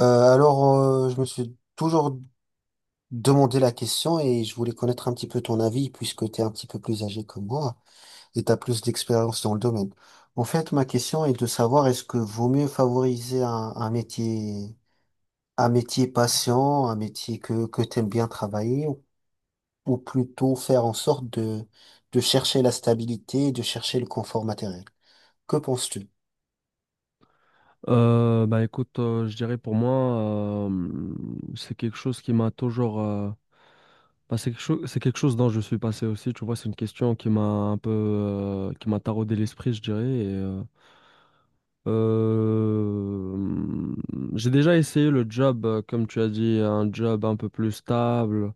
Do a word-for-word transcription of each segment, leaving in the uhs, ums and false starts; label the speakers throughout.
Speaker 1: Euh, alors, euh, je me suis toujours demandé la question et je voulais connaître un petit peu ton avis puisque tu es un petit peu plus âgé que moi et tu as plus d'expérience dans le domaine. En fait, ma question est de savoir est-ce que vaut mieux favoriser un, un métier, un métier patient, un métier que, que tu aimes bien travailler ou, ou plutôt faire en sorte de, de chercher la stabilité, et de chercher le confort matériel. Que penses-tu?
Speaker 2: Euh, bah écoute, euh, je dirais pour moi, euh, c'est quelque chose qui m'a toujours... euh, bah, c'est quelque chose, c'est quelque chose dont je suis passé aussi, tu vois, c'est une question qui m'a un peu... euh, qui m'a taraudé l'esprit, je dirais. et, euh, euh, j'ai déjà essayé le job, euh, comme tu as dit, un job un peu plus stable,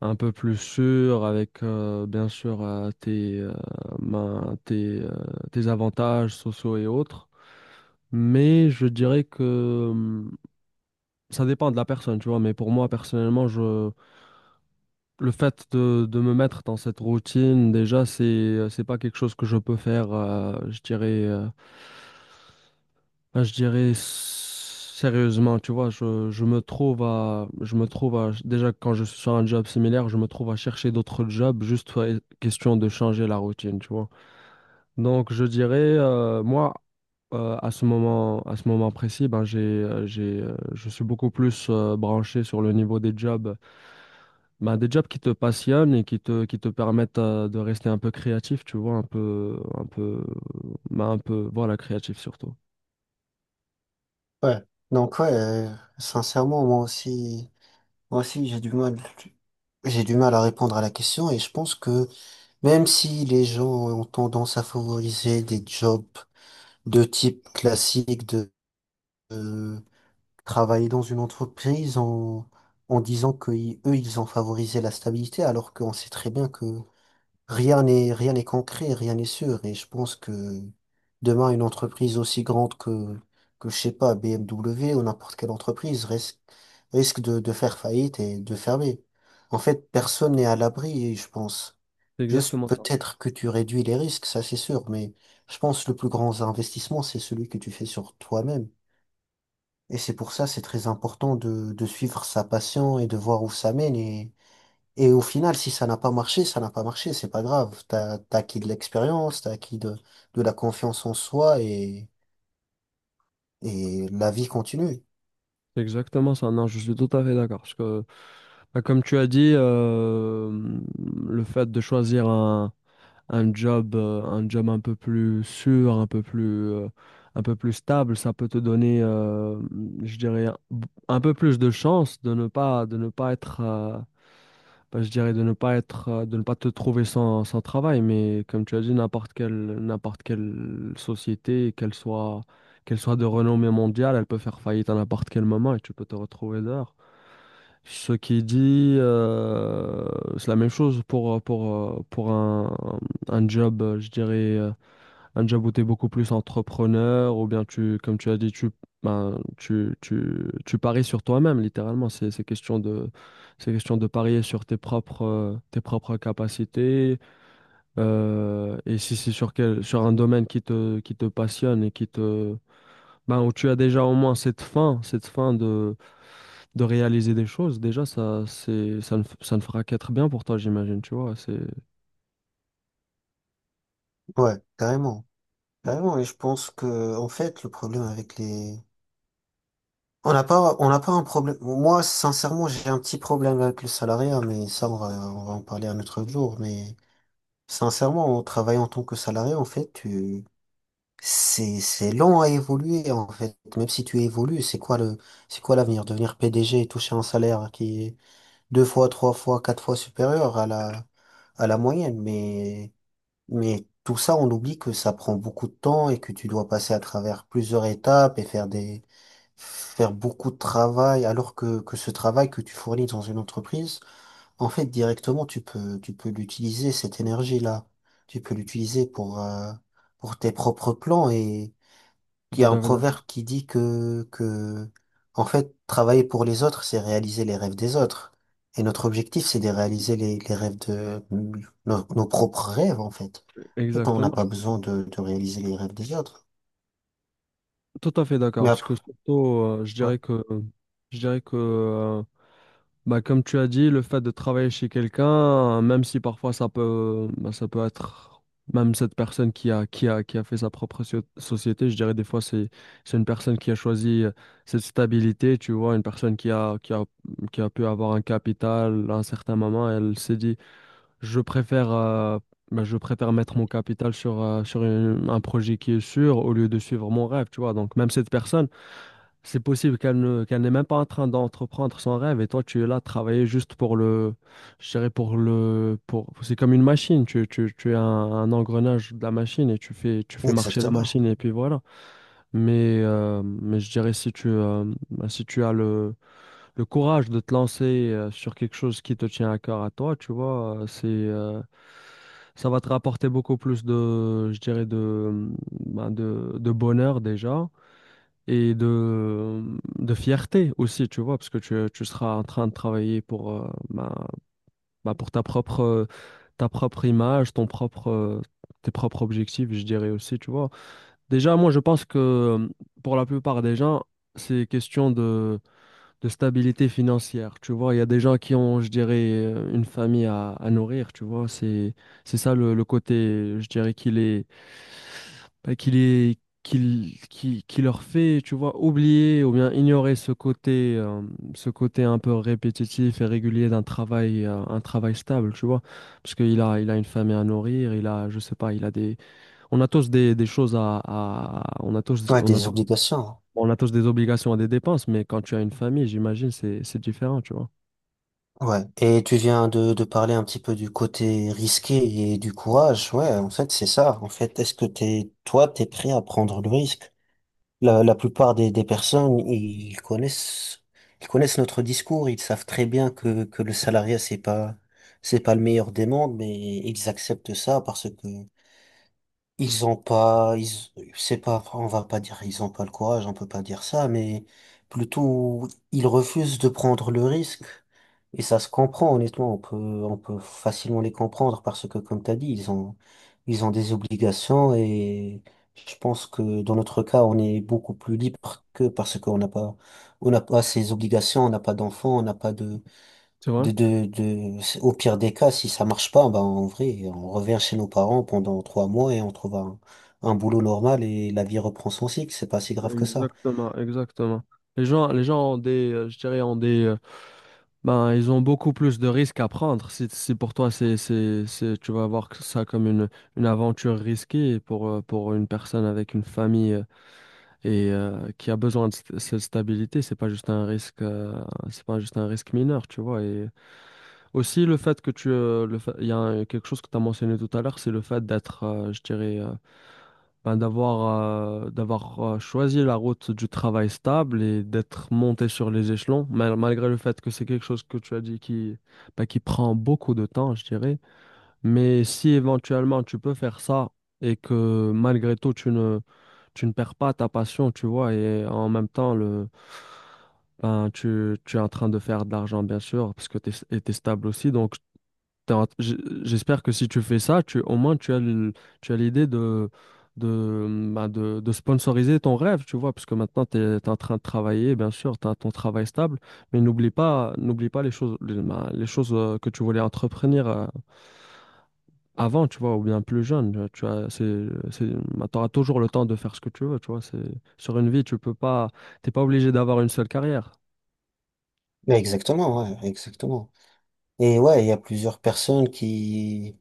Speaker 2: un peu plus sûr, avec euh, bien sûr euh, tes, euh, ben, tes, euh, tes avantages sociaux et autres. Mais je dirais que... Ça dépend de la personne, tu vois, mais pour moi, personnellement, je... Le fait de, de me mettre dans cette routine, déjà, c'est, c'est pas quelque chose que je peux faire, euh, je dirais, euh, ben, je dirais s- sérieusement, tu vois, je, je me trouve à, je me trouve à, déjà, quand je suis sur un job similaire, je me trouve à chercher d'autres jobs, juste euh, question de changer la routine, tu vois. Donc, je dirais, euh, moi, euh, à ce moment, à ce moment précis, ben, j'ai, euh, j'ai, euh, je suis beaucoup plus euh, branché sur le niveau des jobs. Bah, des jobs qui te passionnent et qui te, qui te permettent euh, de rester un peu créatif, tu vois, un peu, un peu, bah, un peu, voilà, créatif surtout.
Speaker 1: Ouais. Donc, ouais, euh, sincèrement, moi aussi. Moi aussi, j'ai du mal. J'ai du mal à répondre à la question et je pense que même si les gens ont tendance à favoriser des jobs de type classique de euh, travailler dans une entreprise en, en disant que ils- eux, ils ont favorisé la stabilité alors qu'on sait très bien que Rien n'est, rien n'est concret, rien n'est sûr. Et je pense que demain, une entreprise aussi grande que, que je sais pas, B M W ou n'importe quelle entreprise risque, risque de, de faire faillite et de fermer. En fait, personne n'est à l'abri, je pense.
Speaker 2: C'est
Speaker 1: Juste
Speaker 2: exactement ça.
Speaker 1: peut-être que tu réduis les risques, ça c'est sûr, mais je pense que le plus grand investissement, c'est celui que tu fais sur toi-même. Et c'est pour ça, c'est très important de, de suivre sa passion et de voir où ça mène. Et, et au final, si ça n'a pas marché, ça n'a pas marché, c'est pas grave. T'as, t'as acquis de l'expérience, t'as acquis de, de la confiance en soi et, et la vie continue.
Speaker 2: C'est exactement ça. Non, je suis tout à fait d'accord. Parce que, bah, comme tu as dit, euh, le fait de choisir un, un job, euh, un job un peu plus sûr, un peu plus, euh, un peu plus stable, ça peut te donner, euh, je dirais, un un peu plus de chance de ne pas, de ne pas être, euh, bah, je dirais, de ne pas être, euh, de ne pas te trouver sans, sans travail. Mais comme tu as dit, n'importe quelle, n'importe quelle société, qu'elle soit, qu'elle soit de renommée mondiale, elle peut faire faillite à n'importe quel moment et tu peux te retrouver dehors. Ce qui dit, euh, c'est la même chose pour, pour, euh, pour un, un job, euh, je dirais, euh, un job où tu es beaucoup plus entrepreneur, ou bien tu, comme tu as dit, tu, ben, tu, tu, tu paries sur toi-même, littéralement. C'est, c'est question de, c'est question de parier sur tes propres, euh, tes propres capacités. Euh, et si c'est sur quel, sur un domaine qui te, qui te passionne et qui te, ben, où tu as déjà au moins cette fin, cette fin de, de réaliser des choses, déjà, ça, c'est, ça ne, f- ça ne fera qu'être bien pour toi, j'imagine, tu vois. C'est,
Speaker 1: Ouais, carrément. Carrément. Et je pense que, en fait, le problème avec les, on n'a pas, on n'a pas un problème. Moi, sincèrement, j'ai un petit problème avec le salariat, mais ça, on va, on va en parler un autre jour. Mais sincèrement, en travaillant en tant que salarié, en fait, tu C'est, c'est long à évoluer en fait. Même si tu évolues, c'est quoi le, c'est quoi l'avenir? Devenir P D G et toucher un salaire qui est deux fois, trois fois, quatre fois supérieur à la, à la moyenne. Mais, mais tout ça, on oublie que ça prend beaucoup de temps et que tu dois passer à travers plusieurs étapes et faire des, faire beaucoup de travail. Alors que, que ce travail que tu fournis dans une entreprise, en fait, directement, tu peux, tu peux l'utiliser, cette énergie-là. Tu peux l'utiliser pour, euh, pour tes propres plans.
Speaker 2: je
Speaker 1: Il y
Speaker 2: suis
Speaker 1: a
Speaker 2: tout
Speaker 1: un
Speaker 2: à fait d'accord.
Speaker 1: proverbe qui dit que, que, en fait, travailler pour les autres, c'est réaliser les rêves des autres. Et notre objectif, c'est de réaliser les, les rêves de nos, nos propres rêves, en fait. En fait, on n'a
Speaker 2: Exactement. Je
Speaker 1: pas
Speaker 2: suis tout à
Speaker 1: besoin
Speaker 2: fait,
Speaker 1: de, de réaliser les rêves des autres.
Speaker 2: tout à fait d'accord.
Speaker 1: Mais
Speaker 2: Parce
Speaker 1: après,
Speaker 2: que surtout, euh, je
Speaker 1: ouais,
Speaker 2: dirais que, je dirais que euh, bah, comme tu as dit, le fait de travailler chez quelqu'un, euh, même si parfois ça peut, bah, ça peut être même cette personne qui a, qui a, qui a fait sa propre so- société, je dirais des fois, c'est, c'est une personne qui a choisi euh, cette stabilité, tu vois, une personne qui a, qui a, qui a pu avoir un capital à un certain moment, elle s'est dit. Je préfère, euh, bah, je préfère mettre mon capital sur, euh, sur une- un projet qui est sûr au lieu de suivre mon rêve, tu vois. Donc, même cette personne, c'est possible qu'elle ne, qu'elle n'est même pas en train d'entreprendre son rêve et toi, tu es là, travailler juste pour le, je dirais pour le, pour, c'est comme une machine, tu, tu, tu es un, un engrenage de la machine et tu fais, tu fais marcher la
Speaker 1: exactement.
Speaker 2: machine et puis voilà. Mais, euh, mais je dirais si tu, euh, bah, si tu as le, le courage de te lancer euh, sur quelque chose qui te tient à cœur à toi, tu vois, euh, c'est euh, ça va te rapporter beaucoup plus de, je dirais de, ben, de, de bonheur déjà et de, mm, de fierté aussi, tu vois, parce que tu, tu seras en train de travailler pour, euh, ben, ben, pour ta propre, ta propre image, ton propre, euh, tes propres objectifs, je dirais aussi, tu vois. Déjà, moi, je pense que euh, pour la plupart des gens, c'est question de de stabilité financière. Tu vois, il y a des gens qui ont, je dirais, euh, une famille à, à nourrir, tu vois. C'est, c'est ça le, le côté, je dirais, qu'il est, bah, qu'il est, qu'il, qui, qui leur fait, tu vois, oublier ou bien ignorer ce côté, euh, ce côté un peu répétitif et régulier d'un travail, euh, un travail stable, tu vois. Parce qu'il a, il a une famille à nourrir, il a, je sais pas, il a des, on a tous des, des choses à, à- on a tous,
Speaker 1: Ouais,
Speaker 2: on a
Speaker 1: des
Speaker 2: tous-
Speaker 1: obligations. Hein.
Speaker 2: on a tous des obligations et des dépenses, mais quand tu as une famille, j'imagine, c'est c'est différent, tu vois.
Speaker 1: Ouais. Et tu viens de, de parler un petit peu du côté risqué et du courage. Ouais, en fait, c'est ça. En fait, est-ce que t'es, toi, t'es prêt à prendre le risque? La, la plupart des, des personnes, ils connaissent, ils connaissent notre discours, ils savent très bien que, que le salariat, c'est pas, c'est pas le meilleur des mondes, mais ils acceptent ça parce que ils ont pas, ils, c'est pas, on va pas dire ils ont pas le courage, on peut pas dire ça, mais plutôt ils refusent de prendre le risque. Et ça se comprend, honnêtement, on peut, on peut facilement les comprendre parce que, comme t'as dit, ils ont, ils ont des obligations et je pense que dans notre cas, on est beaucoup plus libre que parce qu'on n'a pas, on n'a pas ces obligations, on n'a pas d'enfants, on n'a pas de,
Speaker 2: C'est vrai?
Speaker 1: de, de, de, au pire des cas, si ça marche pas, ben, en vrai, on revient chez nos parents pendant trois mois et on trouve un, un boulot normal et la vie reprend son cycle. C'est pas si grave que ça.
Speaker 2: Exactement, exactement. Les gens, les gens ont des, euh, je dirais, ont des, euh, ben, ils ont beaucoup plus de risques à prendre. Si, si pour toi, c'est, c'est, c'est, tu vas voir que ça comme une, une aventure risquée pour, euh, pour une personne avec une famille euh, et euh, qui a besoin de st- cette stabilité, c'est pas juste un risque, euh, c'est pas juste un risque mineur, tu vois. Et aussi le fait que tu, euh, le fait- il y a un quelque chose que tu as mentionné tout à l'heure, c'est le fait d'être, euh, je dirais, euh, ben, d'avoir euh, d'avoir euh, choisi la route du travail stable et d'être monté sur les échelons, mal- malgré le fait que c'est quelque chose que tu as dit qui, ben, qui prend beaucoup de temps, je dirais. Mais si éventuellement tu peux faire ça et que malgré tout tu ne, tu ne perds pas ta passion, tu vois, et en même temps le, ben, tu, tu es en train de faire de l'argent, bien sûr, parce que tu es, stable aussi. Donc, T'as- j- j'espère que si tu fais ça, tu, au moins tu as le- tu as l'idée de, de, bah, de, de sponsoriser ton rêve, tu vois, parce que maintenant tu es en train de travailler, bien sûr, tu as ton travail stable, mais n'oublie pas, n'oublie pas les choses, les, bah, les choses euh, que tu voulais entreprendre euh, avant, tu vois, ou bien plus jeune. euh, Tu as, c'est, c'est, auras toujours le temps de faire ce que tu veux, tu vois. C'est, sur une vie, tu peux pas, t'es pas obligé d'avoir une seule carrière.
Speaker 1: Mais exactement, ouais, exactement. Et ouais, il y a plusieurs personnes qui,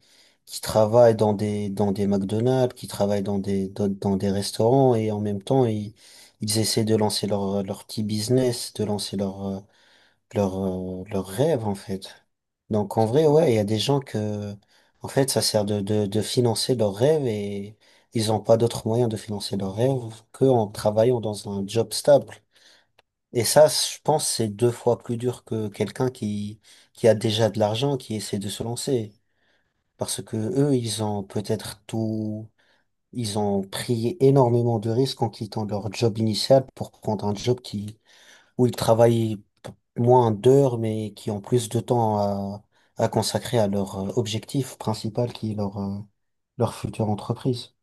Speaker 1: qui travaillent dans des, dans des McDonald's, qui travaillent dans des, dans, dans des restaurants et en même temps, ils, ils essaient de lancer leur, leur petit business, de lancer leur, euh, leur, euh, leur rêve en fait. Donc en
Speaker 2: C'est
Speaker 1: vrai,
Speaker 2: sûr,
Speaker 1: ouais, il y a des gens que, en fait, ça sert de, de, de financer leurs rêves et ils n'ont pas d'autre moyen de financer leurs rêves qu'en travaillant dans un job stable. Et ça, je pense, c'est deux fois plus dur que quelqu'un qui, qui a déjà de l'argent, qui essaie de se lancer. Parce que eux, ils ont peut-être tout, ils ont pris énormément de risques en quittant leur job initial pour prendre un job qui, où ils travaillent p- moins d'heures, mais qui ont plus de temps à, à consacrer à leur euh, objectif principal qui est leur, euh, leur future entreprise.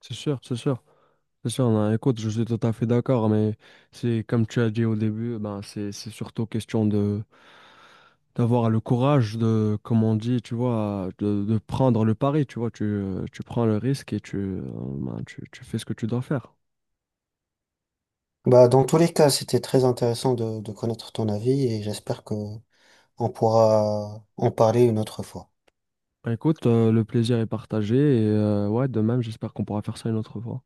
Speaker 2: c'est sûr, c'est sûr. C'est sûr, non, écoute, je suis tout à fait d'accord, mais c'est comme tu as dit au début, ben c'est c'est surtout question de, d'avoir le courage de, comme on dit, tu vois, de, de prendre le pari, tu vois, tu, euh, tu prends le risque et tu, euh, ben, tu, tu fais ce que tu dois faire.
Speaker 1: Bah, dans tous les cas, c'était très intéressant de, de connaître ton avis et j'espère que on pourra en parler une autre fois.
Speaker 2: Ben, écoute, euh, le plaisir est partagé et euh, ouais, de même, j'espère qu'on pourra faire ça une autre fois.